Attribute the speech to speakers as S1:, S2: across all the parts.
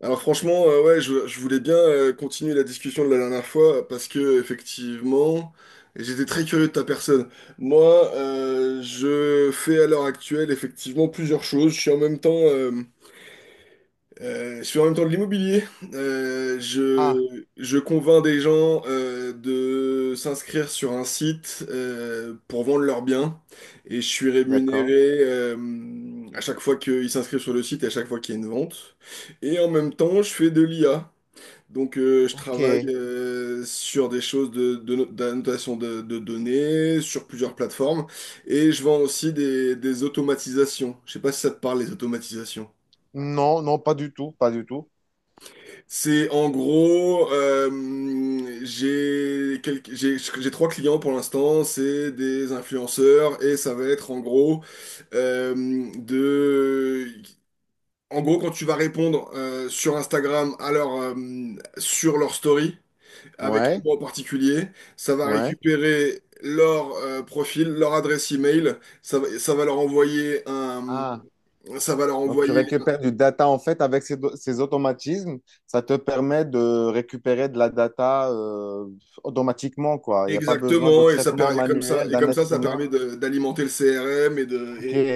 S1: Alors franchement, ouais, je voulais bien continuer la discussion de la dernière fois parce que effectivement, j'étais très curieux de ta personne. Moi, je fais à l'heure actuelle effectivement plusieurs choses. Je suis en même temps de l'immobilier.
S2: Ah,
S1: Je convainc des gens de s'inscrire sur un site pour vendre leurs biens et je suis
S2: d'accord.
S1: rémunéré à chaque fois qu'ils s'inscrivent sur le site et à chaque fois qu'il y a une vente. Et en même temps, je fais de l'IA. Donc, je travaille
S2: Ok.
S1: sur des choses de, no- d'annotation de données, sur plusieurs plateformes et je vends aussi des automatisations. Je sais pas si ça te parle, les automatisations.
S2: Non, non, pas du tout, pas du tout.
S1: C'est en gros, j'ai trois clients pour l'instant, c'est des influenceurs et ça va être en gros euh, de, en gros quand tu vas répondre sur Instagram à leur sur leur story avec un
S2: Ouais,
S1: mot en particulier, ça va
S2: ouais.
S1: récupérer leur profil, leur adresse email, ça va leur
S2: Ah,
S1: ça va leur
S2: donc tu
S1: envoyer.
S2: récupères du data en fait avec ces, ces automatismes, ça te permet de récupérer de la data automatiquement, quoi. Il n'y a pas besoin de
S1: Exactement,
S2: traitement
S1: et comme ça,
S2: manuel d'un être
S1: ça
S2: humain.
S1: permet d'alimenter le CRM
S2: Ok,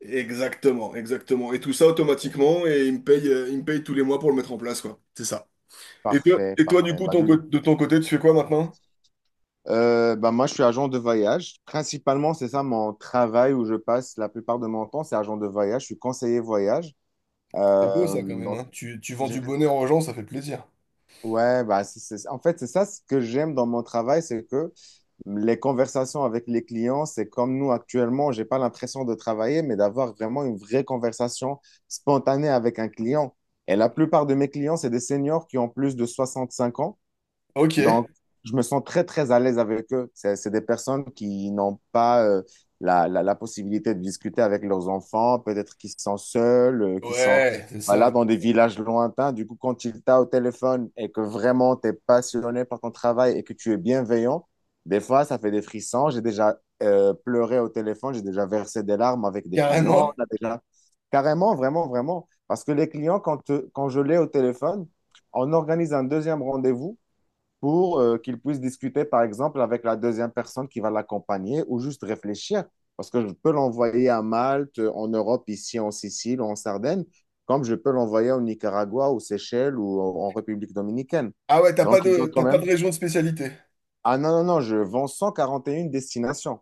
S1: exactement, exactement. Et tout ça automatiquement, et il me paye tous les mois pour le mettre en place, quoi. C'est ça.
S2: parfait,
S1: Et toi, du
S2: parfait.
S1: coup,
S2: Bah, du-
S1: de ton côté, tu fais quoi maintenant?
S2: euh, bah, moi, je suis agent de voyage. Principalement, c'est ça mon travail où je passe la plupart de mon temps, c'est agent de voyage. Je suis conseiller voyage.
S1: C'est beau ça quand même,
S2: Donc,
S1: hein. Tu vends
S2: j'ai
S1: du bonheur aux gens, ça fait plaisir.
S2: Ouais, bah en fait, c'est ça ce que j'aime dans mon travail, c'est que les conversations avec les clients, c'est comme nous actuellement, j'ai pas l'impression de travailler, mais d'avoir vraiment une vraie conversation spontanée avec un client. Et la plupart de mes clients, c'est des seniors qui ont plus de 65 ans.
S1: Ok.
S2: Donc, je me sens très, très à l'aise avec eux. C'est des personnes qui n'ont pas la possibilité de discuter avec leurs enfants, peut-être qui sont seuls, qui sont
S1: Ouais, c'est ça.
S2: voilà, dans des villages lointains. Du coup, quand ils t'ont au téléphone et que vraiment tu es passionné par ton travail et que tu es bienveillant, des fois, ça fait des frissons. J'ai déjà pleuré au téléphone, j'ai déjà versé des larmes avec des clients.
S1: Carrément.
S2: On a déjà... Carrément, vraiment, vraiment. Parce que les clients, quand je l'ai au téléphone, on organise un deuxième rendez-vous pour qu'il puisse discuter, par exemple, avec la deuxième personne qui va l'accompagner ou juste réfléchir. Parce que je peux l'envoyer à Malte, en Europe, ici en Sicile ou en Sardaigne, comme je peux l'envoyer au Nicaragua, aux Seychelles ou en République dominicaine.
S1: Ah ouais,
S2: Donc, il doit quand
S1: t'as pas de
S2: même...
S1: région de spécialité.
S2: Ah non, non, non, je vends 141 destinations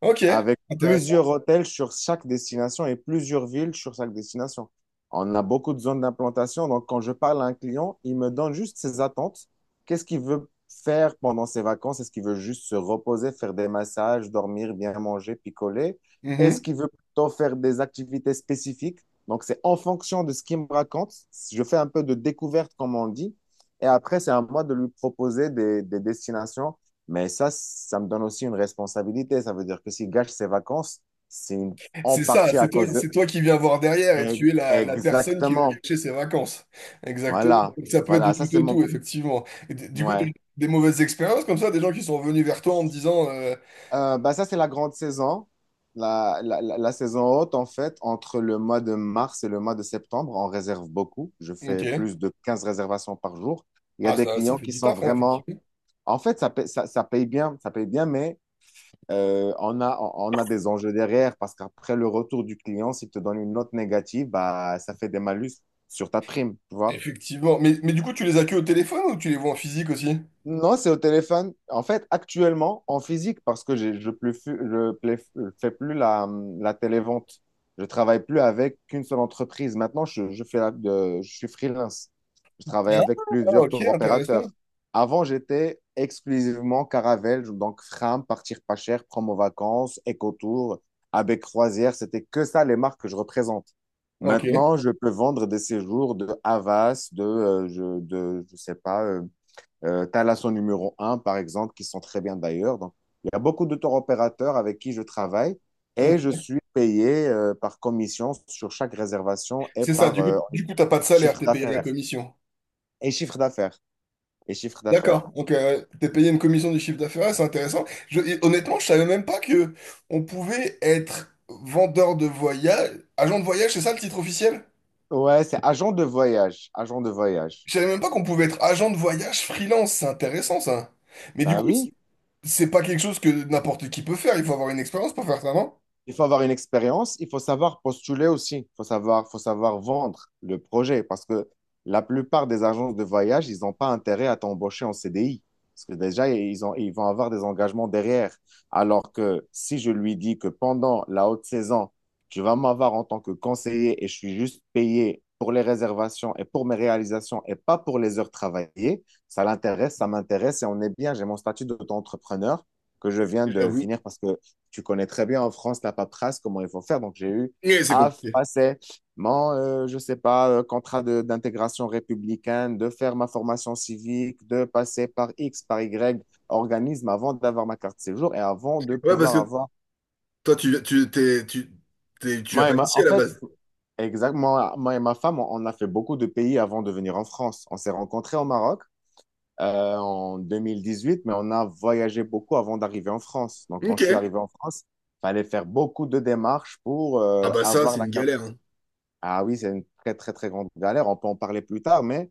S1: Ok,
S2: avec
S1: intéressant.
S2: plusieurs hôtels sur chaque destination et plusieurs villes sur chaque destination. On a beaucoup de zones d'implantation, donc quand je parle à un client, il me donne juste ses attentes. Qu'est-ce qu'il veut faire pendant ses vacances? Est-ce qu'il veut juste se reposer, faire des massages, dormir, bien manger, picoler? Est-ce qu'il veut plutôt faire des activités spécifiques? Donc c'est en fonction de ce qu'il me raconte. Je fais un peu de découverte, comme on dit. Et après, c'est à moi de lui proposer des destinations mais ça me donne aussi une responsabilité. Ça veut dire que s'il gâche ses vacances, c'est une- en
S1: C'est ça,
S2: partie à cause
S1: c'est
S2: de...
S1: toi qui viens voir derrière et
S2: Eh,
S1: tu es la personne qui lui a
S2: exactement.
S1: gâché ses vacances. Exactement.
S2: Voilà.
S1: Donc, ça peut être
S2: Voilà.
S1: du
S2: Ça,
S1: tout
S2: c'est
S1: au
S2: mon...
S1: tout, effectivement. Et du coup, tu as
S2: Ouais.
S1: eu des mauvaises expériences comme ça, des gens qui sont venus vers toi en te disant
S2: Bah, ça, c'est la grande saison. La saison haute, en fait, entre le mois de mars et le mois de septembre, on réserve beaucoup. Je fais
S1: ok,
S2: plus de 15 réservations par jour. Il y a
S1: ah,
S2: des
S1: ça
S2: clients
S1: fait
S2: qui
S1: du
S2: sont
S1: taf, hein,
S2: vraiment...
S1: effectivement.
S2: En fait, ça paye, ça paye bien. Ça paye bien, mais on a des enjeux derrière parce qu'après le retour du client, s'il te donne une note négative, bah, ça fait des malus sur ta prime, tu vois.
S1: Effectivement. Mais du coup, tu les as que au téléphone ou tu les vois en physique aussi?
S2: Non, c'est au téléphone. En fait, actuellement, en physique, parce que j'ai- je ne je plais- je fais plus la, la télévente. Je travaille plus avec qu'une seule entreprise. Maintenant, je fais je suis freelance. Je travaille avec
S1: Ah,
S2: plusieurs
S1: ok,
S2: tour opérateurs.
S1: intéressant.
S2: Avant, j'étais exclusivement Caravelle, donc Fram, Partir Pas Cher, Promo Vacances, Ecotour, avec Croisière. C'était que ça les marques que je représente.
S1: Ok,
S2: Maintenant, je peux vendre des séjours de Havas, je sais pas. Tu as la son numéro un, par exemple, qui sont très bien d'ailleurs. Donc, il y a beaucoup de tour opérateurs avec qui je travaille et je
S1: ok.
S2: suis payé par commission sur chaque réservation et
S1: C'est ça,
S2: par
S1: du coup, t'as pas de salaire,
S2: chiffre
S1: t'es payé à la
S2: d'affaires.
S1: commission.
S2: Et chiffre d'affaires. Et chiffre d'affaires.
S1: D'accord, donc t'es payé une commission du chiffre d'affaires, c'est intéressant. Je- et honnêtement, je savais même pas que on pouvait être vendeur de voyage, agent de voyage, c'est ça le titre officiel?
S2: Ouais, c'est agent de voyage. Agent de voyage.
S1: Je savais même pas qu'on pouvait être agent de voyage freelance, c'est intéressant ça. Mais du
S2: Bah
S1: coup,
S2: oui.
S1: c'est pas quelque chose que n'importe qui peut faire, il faut avoir une expérience pour faire ça, non?
S2: Il faut avoir une expérience, il faut savoir postuler aussi, faut savoir vendre le projet parce que la plupart des agences de voyage, ils n'ont pas intérêt à t'embaucher en CDI parce que déjà, ils vont avoir des engagements derrière. Alors que si je lui dis que pendant la haute saison, tu vas m'avoir en tant que conseiller et je suis juste payé pour les réservations et pour mes réalisations et pas pour les heures travaillées, ça l'intéresse, ça m'intéresse et on est bien. J'ai mon statut d'auto-entrepreneur que je viens de
S1: J'avoue.
S2: finir parce que tu connais très bien en France la paperasse, comment il faut faire. Donc, j'ai eu
S1: Mais c'est
S2: à
S1: compliqué.
S2: passer mon, je sais pas, contrat d'intégration républicaine, de faire ma formation civique, de passer par X, par Y organisme avant d'avoir ma carte de séjour et avant de
S1: Ouais, parce
S2: pouvoir
S1: que
S2: avoir...
S1: toi, t'es, tu viens
S2: Moi et
S1: pas
S2: ma-
S1: d'ici
S2: En
S1: à la
S2: fait,
S1: base.
S2: exactement, moi et ma femme, on a fait beaucoup de pays avant de venir en France. On s'est rencontrés au Maroc en 2018, mais on a voyagé beaucoup avant d'arriver en France. Donc, quand je suis
S1: Ok.
S2: arrivé en France, il fallait faire beaucoup de démarches pour
S1: Ah bah ça,
S2: avoir
S1: c'est
S2: la
S1: une
S2: carte.
S1: galère, hein.
S2: Ah oui, c'est une très, très, très grande galère. On peut en parler plus tard, mais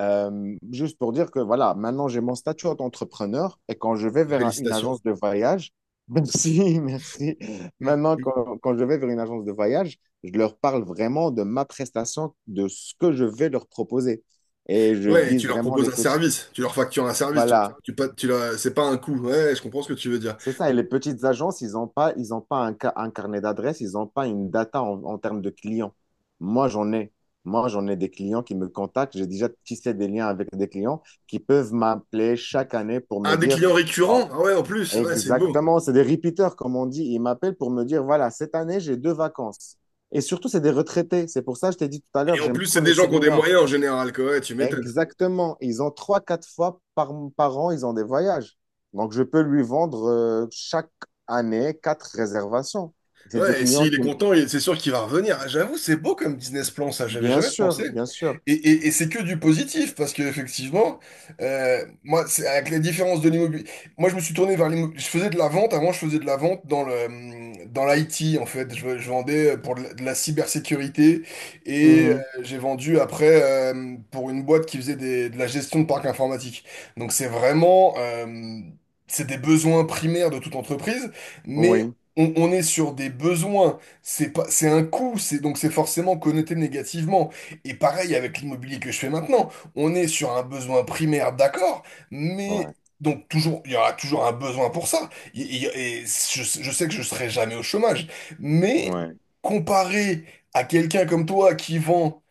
S2: juste pour dire que voilà, maintenant j'ai mon statut d'entrepreneur et quand je vais vers une
S1: Félicitations.
S2: agence de voyage, merci, merci. Maintenant,
S1: Mm.
S2: quand je vais vers une agence de voyage, je leur parle vraiment de ma prestation, de ce que je vais leur proposer. Et je
S1: Ouais,
S2: vise
S1: tu leur
S2: vraiment
S1: proposes
S2: les
S1: un
S2: petits.
S1: service, tu leur factures un service, tu,
S2: Voilà,
S1: tu, pa- tu leur- c'est pas un coût. Ouais, je comprends ce que tu veux dire.
S2: c'est ça, et
S1: Donc,
S2: les petites agences, ils ont pas un carnet d'adresses, ils n'ont pas une data en, en termes de clients. Moi, j'en ai. Moi, j'en ai des clients qui me contactent. J'ai déjà tissé des liens avec des clients qui peuvent m'appeler chaque année pour me
S1: un des
S2: dire
S1: clients récurrents,
S2: Oh,
S1: ah ouais, en plus, ouais, c'est beau.
S2: exactement, c'est des repeaters, comme on dit. Ils m'appellent pour me dire, voilà, cette année, j'ai deux vacances. Et surtout, c'est des retraités. C'est pour ça que je t'ai dit tout à
S1: Et
S2: l'heure,
S1: en
S2: j'aime
S1: plus, c'est
S2: trop les
S1: des gens qui ont des
S2: seniors.
S1: moyens en général, quoi. Ouais, tu m'étonnes.
S2: Exactement. Ils ont trois, quatre fois par an, ils ont des voyages. Donc, je peux lui vendre chaque année quatre réservations. C'est des
S1: Ouais, et
S2: clients
S1: s'il est
S2: qui...
S1: content, c'est sûr qu'il va revenir. J'avoue, c'est beau comme business plan, ça, j'avais
S2: Bien
S1: jamais pensé.
S2: sûr, bien sûr.
S1: Et c'est que du positif, parce que effectivement, moi, c'est avec les différences de l'immobilier. Moi, je me suis tourné vers l'immobilier. Je faisais de la vente, avant, je faisais de la vente dans l'IT, en fait. Je vendais pour de la cybersécurité et
S2: Mhm.
S1: j'ai vendu après pour une boîte qui faisait de la gestion de parc informatique. Donc, c'est vraiment, c'est des besoins primaires de toute entreprise, mais
S2: Oui,
S1: on est sur des besoins, c'est pas, c'est un coût, c'est donc c'est forcément connoté négativement. Et pareil avec l'immobilier que je fais maintenant, on est sur un besoin primaire, d'accord, mais
S2: ouais,
S1: donc toujours, il y aura toujours un besoin pour ça. Et je sais que je serai jamais au chômage, mais
S2: ouais.
S1: comparé à quelqu'un comme toi qui vend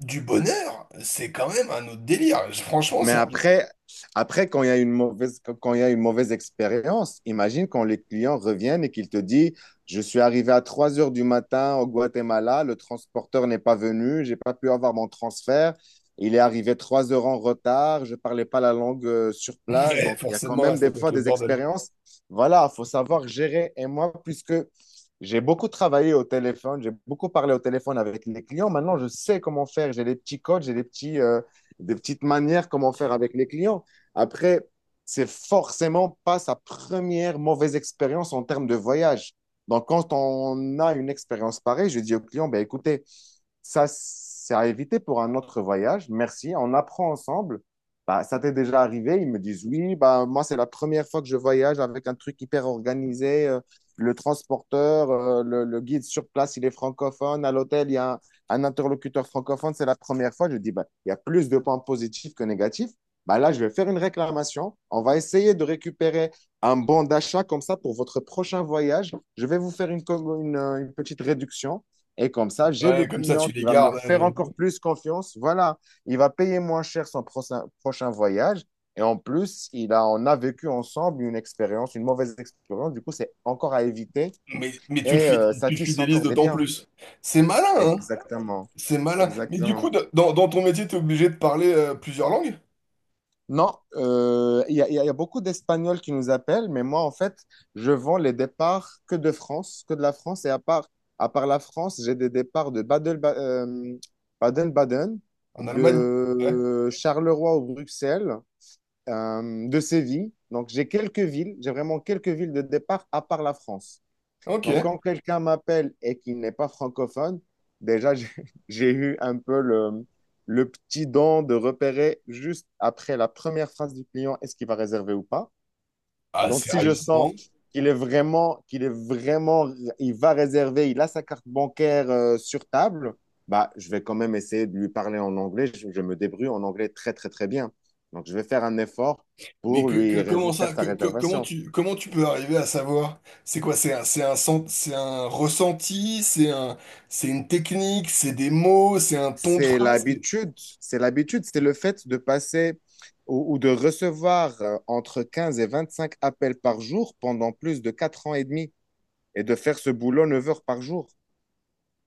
S1: du bonheur, c'est quand même un autre délire. Franchement,
S2: Mais
S1: c'est un-
S2: après, après quand il y a une mauvaise, quand il y a une mauvaise expérience, imagine quand les clients reviennent et qu'ils te disent, je suis arrivé à 3 heures du matin au Guatemala, le transporteur n'est pas venu, j'ai pas pu avoir mon transfert, il est arrivé 3 heures en retard, je ne parlais pas la langue sur place.
S1: Ouais,
S2: Donc, il y a quand
S1: forcément,
S2: même
S1: ça
S2: des
S1: peut être
S2: fois
S1: le
S2: des
S1: bordel.
S2: expériences. Voilà, il faut savoir gérer. Et moi, puisque j'ai beaucoup travaillé au téléphone, j'ai beaucoup parlé au téléphone avec les clients, maintenant, je sais comment faire. J'ai des petits codes, des petites manières comment faire avec les clients. Après, c'est forcément pas sa première mauvaise expérience en termes de voyage. Donc, quand on a une expérience pareille, je dis au client, ben, écoutez, ça, c'est à éviter pour un autre voyage. Merci, on apprend ensemble. Bah, ça t'est déjà arrivé? Ils me disent, oui, bah, moi, c'est la première fois que je voyage avec un truc hyper organisé. Le transporteur, le guide sur place, il est francophone. À l'hôtel, il y a un interlocuteur francophone, c'est la première fois, je dis, ben, il y a plus de points positifs que négatifs. Ben là, je vais faire une réclamation. On va essayer de récupérer un bon d'achat comme ça pour votre prochain voyage. Je vais vous faire une petite réduction. Et comme ça, j'ai le
S1: Ouais, comme ça
S2: client
S1: tu les
S2: qui va me
S1: gardes.
S2: faire encore plus confiance. Voilà, il va payer moins cher son prochain, prochain voyage. Et en plus, on a vécu ensemble une expérience, une mauvaise expérience. Du coup, c'est encore à éviter et ça
S1: Tu le
S2: tisse
S1: fidélises
S2: encore des
S1: d'autant
S2: liens.
S1: plus. C'est malin, hein?
S2: Exactement,
S1: C'est malin. Mais du
S2: exactement.
S1: coup, dans ton métier, t'es obligé de parler plusieurs langues?
S2: Non, il y a beaucoup d'Espagnols qui nous appellent, mais moi, en fait, je vends les départs que de France, que de la France. Et à part la France, j'ai des départs de Baden-Baden,
S1: En Allemagne? Ouais.
S2: de Charleroi ou Bruxelles, de Séville. Donc, j'ai quelques villes, j'ai vraiment quelques villes de départ à part la France.
S1: Ok.
S2: Donc, quand quelqu'un m'appelle et qu'il n'est pas francophone, déjà, j'ai j'ai eu un peu le petit don de repérer juste après la première phrase du client, est-ce qu'il va réserver ou pas.
S1: Ah,
S2: Donc, si je sens
S1: sérieusement?
S2: qu'il est vraiment, il va réserver, il a sa carte bancaire sur table, bah, je vais quand même essayer de lui parler en anglais. Je me débrouille en anglais très, très, très bien. Donc, je vais faire un effort pour
S1: Comment
S2: faire
S1: ça?
S2: sa
S1: Comment
S2: réservation.
S1: comment tu peux arriver à savoir? C'est quoi? C'est un, c'est un ressenti? C'est une technique? C'est des mots? C'est un ton de
S2: C'est
S1: phrase? C'est-
S2: l'habitude, c'est l'habitude, c'est le fait de passer ou de recevoir entre 15 et 25 appels par jour pendant plus de 4 ans et demi et de faire ce boulot 9 heures par jour.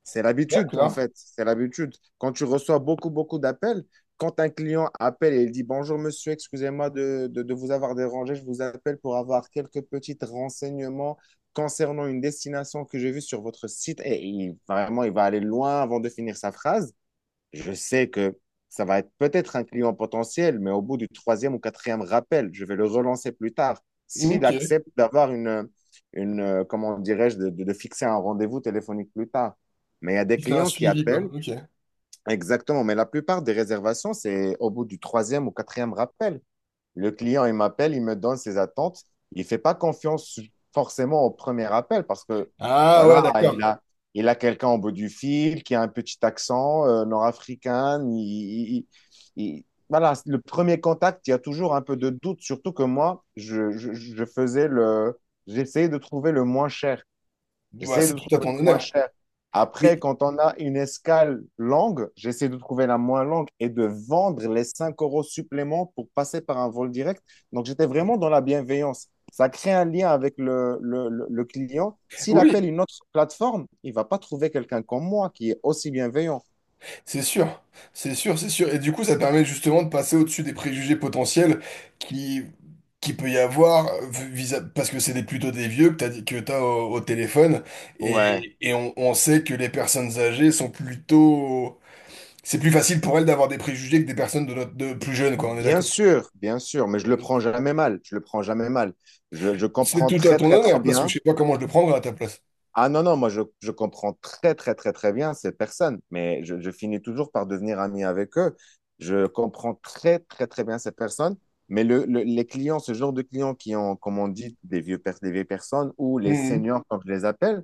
S2: C'est l'habitude, en
S1: D'accord.
S2: fait, c'est l'habitude. Quand tu reçois beaucoup, beaucoup d'appels, quand un client appelle et il dit bonjour monsieur, excusez-moi de vous avoir dérangé, je vous appelle pour avoir quelques petits renseignements concernant une destination que j'ai vue sur votre site, et vraiment, il va aller loin avant de finir sa phrase. Je sais que ça va être peut-être un client potentiel, mais au bout du troisième ou quatrième rappel, je vais le relancer plus tard. S'il
S1: Ok.
S2: accepte d'avoir une, comment dirais-je, de fixer un rendez-vous téléphonique plus tard. Mais il y a des
S1: C'est un
S2: clients qui
S1: suivi, quoi.
S2: appellent,
S1: Ok.
S2: exactement, mais la plupart des réservations, c'est au bout du troisième ou quatrième rappel. Le client, il m'appelle, il me donne ses attentes. Il ne fait pas confiance forcément au premier appel parce que,
S1: Ah ouais,
S2: voilà,
S1: d'accord.
S2: il a quelqu'un au bout du fil qui a un petit accent nord-africain. Voilà, le premier contact, il y a toujours un peu de doute, surtout que moi, j'essayais de trouver le moins cher.
S1: Bah,
S2: J'essaie
S1: c'est
S2: de
S1: tout à
S2: trouver
S1: ton
S2: le moins
S1: honneur.
S2: cher. Après,
S1: Mais
S2: quand on a une escale longue, j'essaie de trouver la moins longue et de vendre les 5 € supplément pour passer par un vol direct. Donc, j'étais vraiment dans la bienveillance. Ça crée un lien avec le client. S'il appelle
S1: oui,
S2: une autre plateforme, il va pas trouver quelqu'un comme moi qui est aussi bienveillant.
S1: c'est sûr, c'est sûr, c'est sûr. Et du coup, ça permet justement de passer au-dessus des préjugés potentiels qui, qui peut y avoir, parce que c'est plutôt des vieux que t'as au téléphone, et,
S2: Ouais.
S1: et on sait que les personnes âgées sont plutôt... C'est plus facile pour elles d'avoir des préjugés que des personnes de plus jeunes, quoi, on est d'accord.
S2: Bien sûr, mais je le prends jamais mal. Je le prends jamais mal. Je
S1: C'est
S2: comprends
S1: tout à
S2: très,
S1: ton
S2: très, très
S1: honneur, parce que je
S2: bien.
S1: sais pas comment je le prendrais à ta place.
S2: Ah non, non, moi je comprends très, très, très, très bien ces personnes, mais je finis toujours par devenir ami avec eux. Je comprends très, très, très bien ces personnes, mais les clients, ce genre de clients qui ont, comme on dit, des vieux, des vieilles personnes ou les
S1: Mhm.
S2: seniors, comme je les appelle,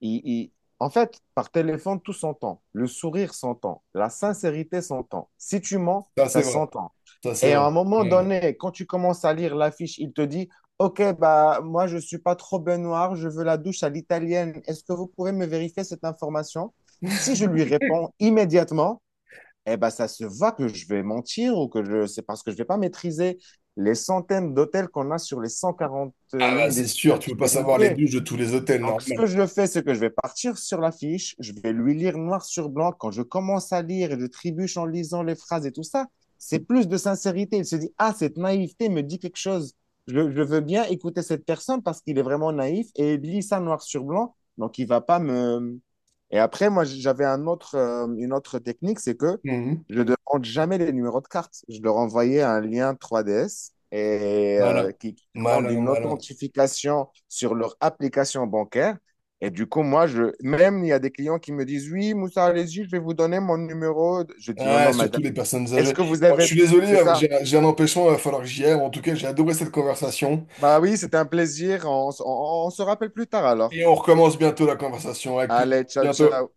S2: il- il- en fait, par téléphone, tout s'entend. Le sourire s'entend. La sincérité s'entend. Si tu mens,
S1: Ça, c'est
S2: ça
S1: vrai,
S2: s'entend.
S1: ça, c'est
S2: Et à un
S1: vrai.
S2: moment
S1: Ouais.
S2: donné, quand tu commences à lire l'affiche, il te dit, OK, bah, moi, je ne suis pas trop ben noir, je veux la douche à l'italienne. Est-ce que vous pouvez me vérifier cette information? Si je lui réponds immédiatement, eh ben, ça se voit que je vais mentir ou que je, c'est parce que je ne vais pas maîtriser les centaines d'hôtels qu'on a sur les
S1: Ah bah,
S2: 141
S1: c'est sûr, tu peux
S2: destinations,
S1: pas
S2: les
S1: savoir les
S2: milliers.
S1: douches de tous les hôtels,
S2: Donc, ce que
S1: normal.
S2: je fais, c'est que je vais partir sur la fiche, je vais lui lire noir sur blanc. Quand je commence à lire et je trébuche en lisant les phrases et tout ça, c'est plus de sincérité. Il se dit, ah, cette naïveté me dit quelque chose. Je veux bien écouter cette personne parce qu'il est vraiment naïf et il lit ça noir sur blanc. Donc, il va pas me... Et après, moi, j'avais un autre, une autre technique, c'est que je ne demande jamais les numéros de carte. Je leur envoyais un lien 3DS
S1: Malin, malin,
S2: d'une
S1: malin.
S2: authentification sur leur application bancaire. Et du coup, moi, même il y a des clients qui me disent, oui, Moussa, allez-y, je vais vous donner mon numéro. Je dis, non,
S1: Ah,
S2: non,
S1: surtout
S2: madame,
S1: les personnes
S2: est-ce
S1: âgées.
S2: que vous
S1: Bon, je
S2: avez...
S1: suis désolé,
S2: C'est ça.
S1: j'ai un empêchement, il va falloir que j'y aille. En tout cas, j'ai adoré cette conversation.
S2: Bah oui, c'était un plaisir. On, s- on se rappelle plus tard alors.
S1: Et on recommence bientôt la conversation, avec plaisir.
S2: Allez, ciao,
S1: Bientôt.
S2: ciao.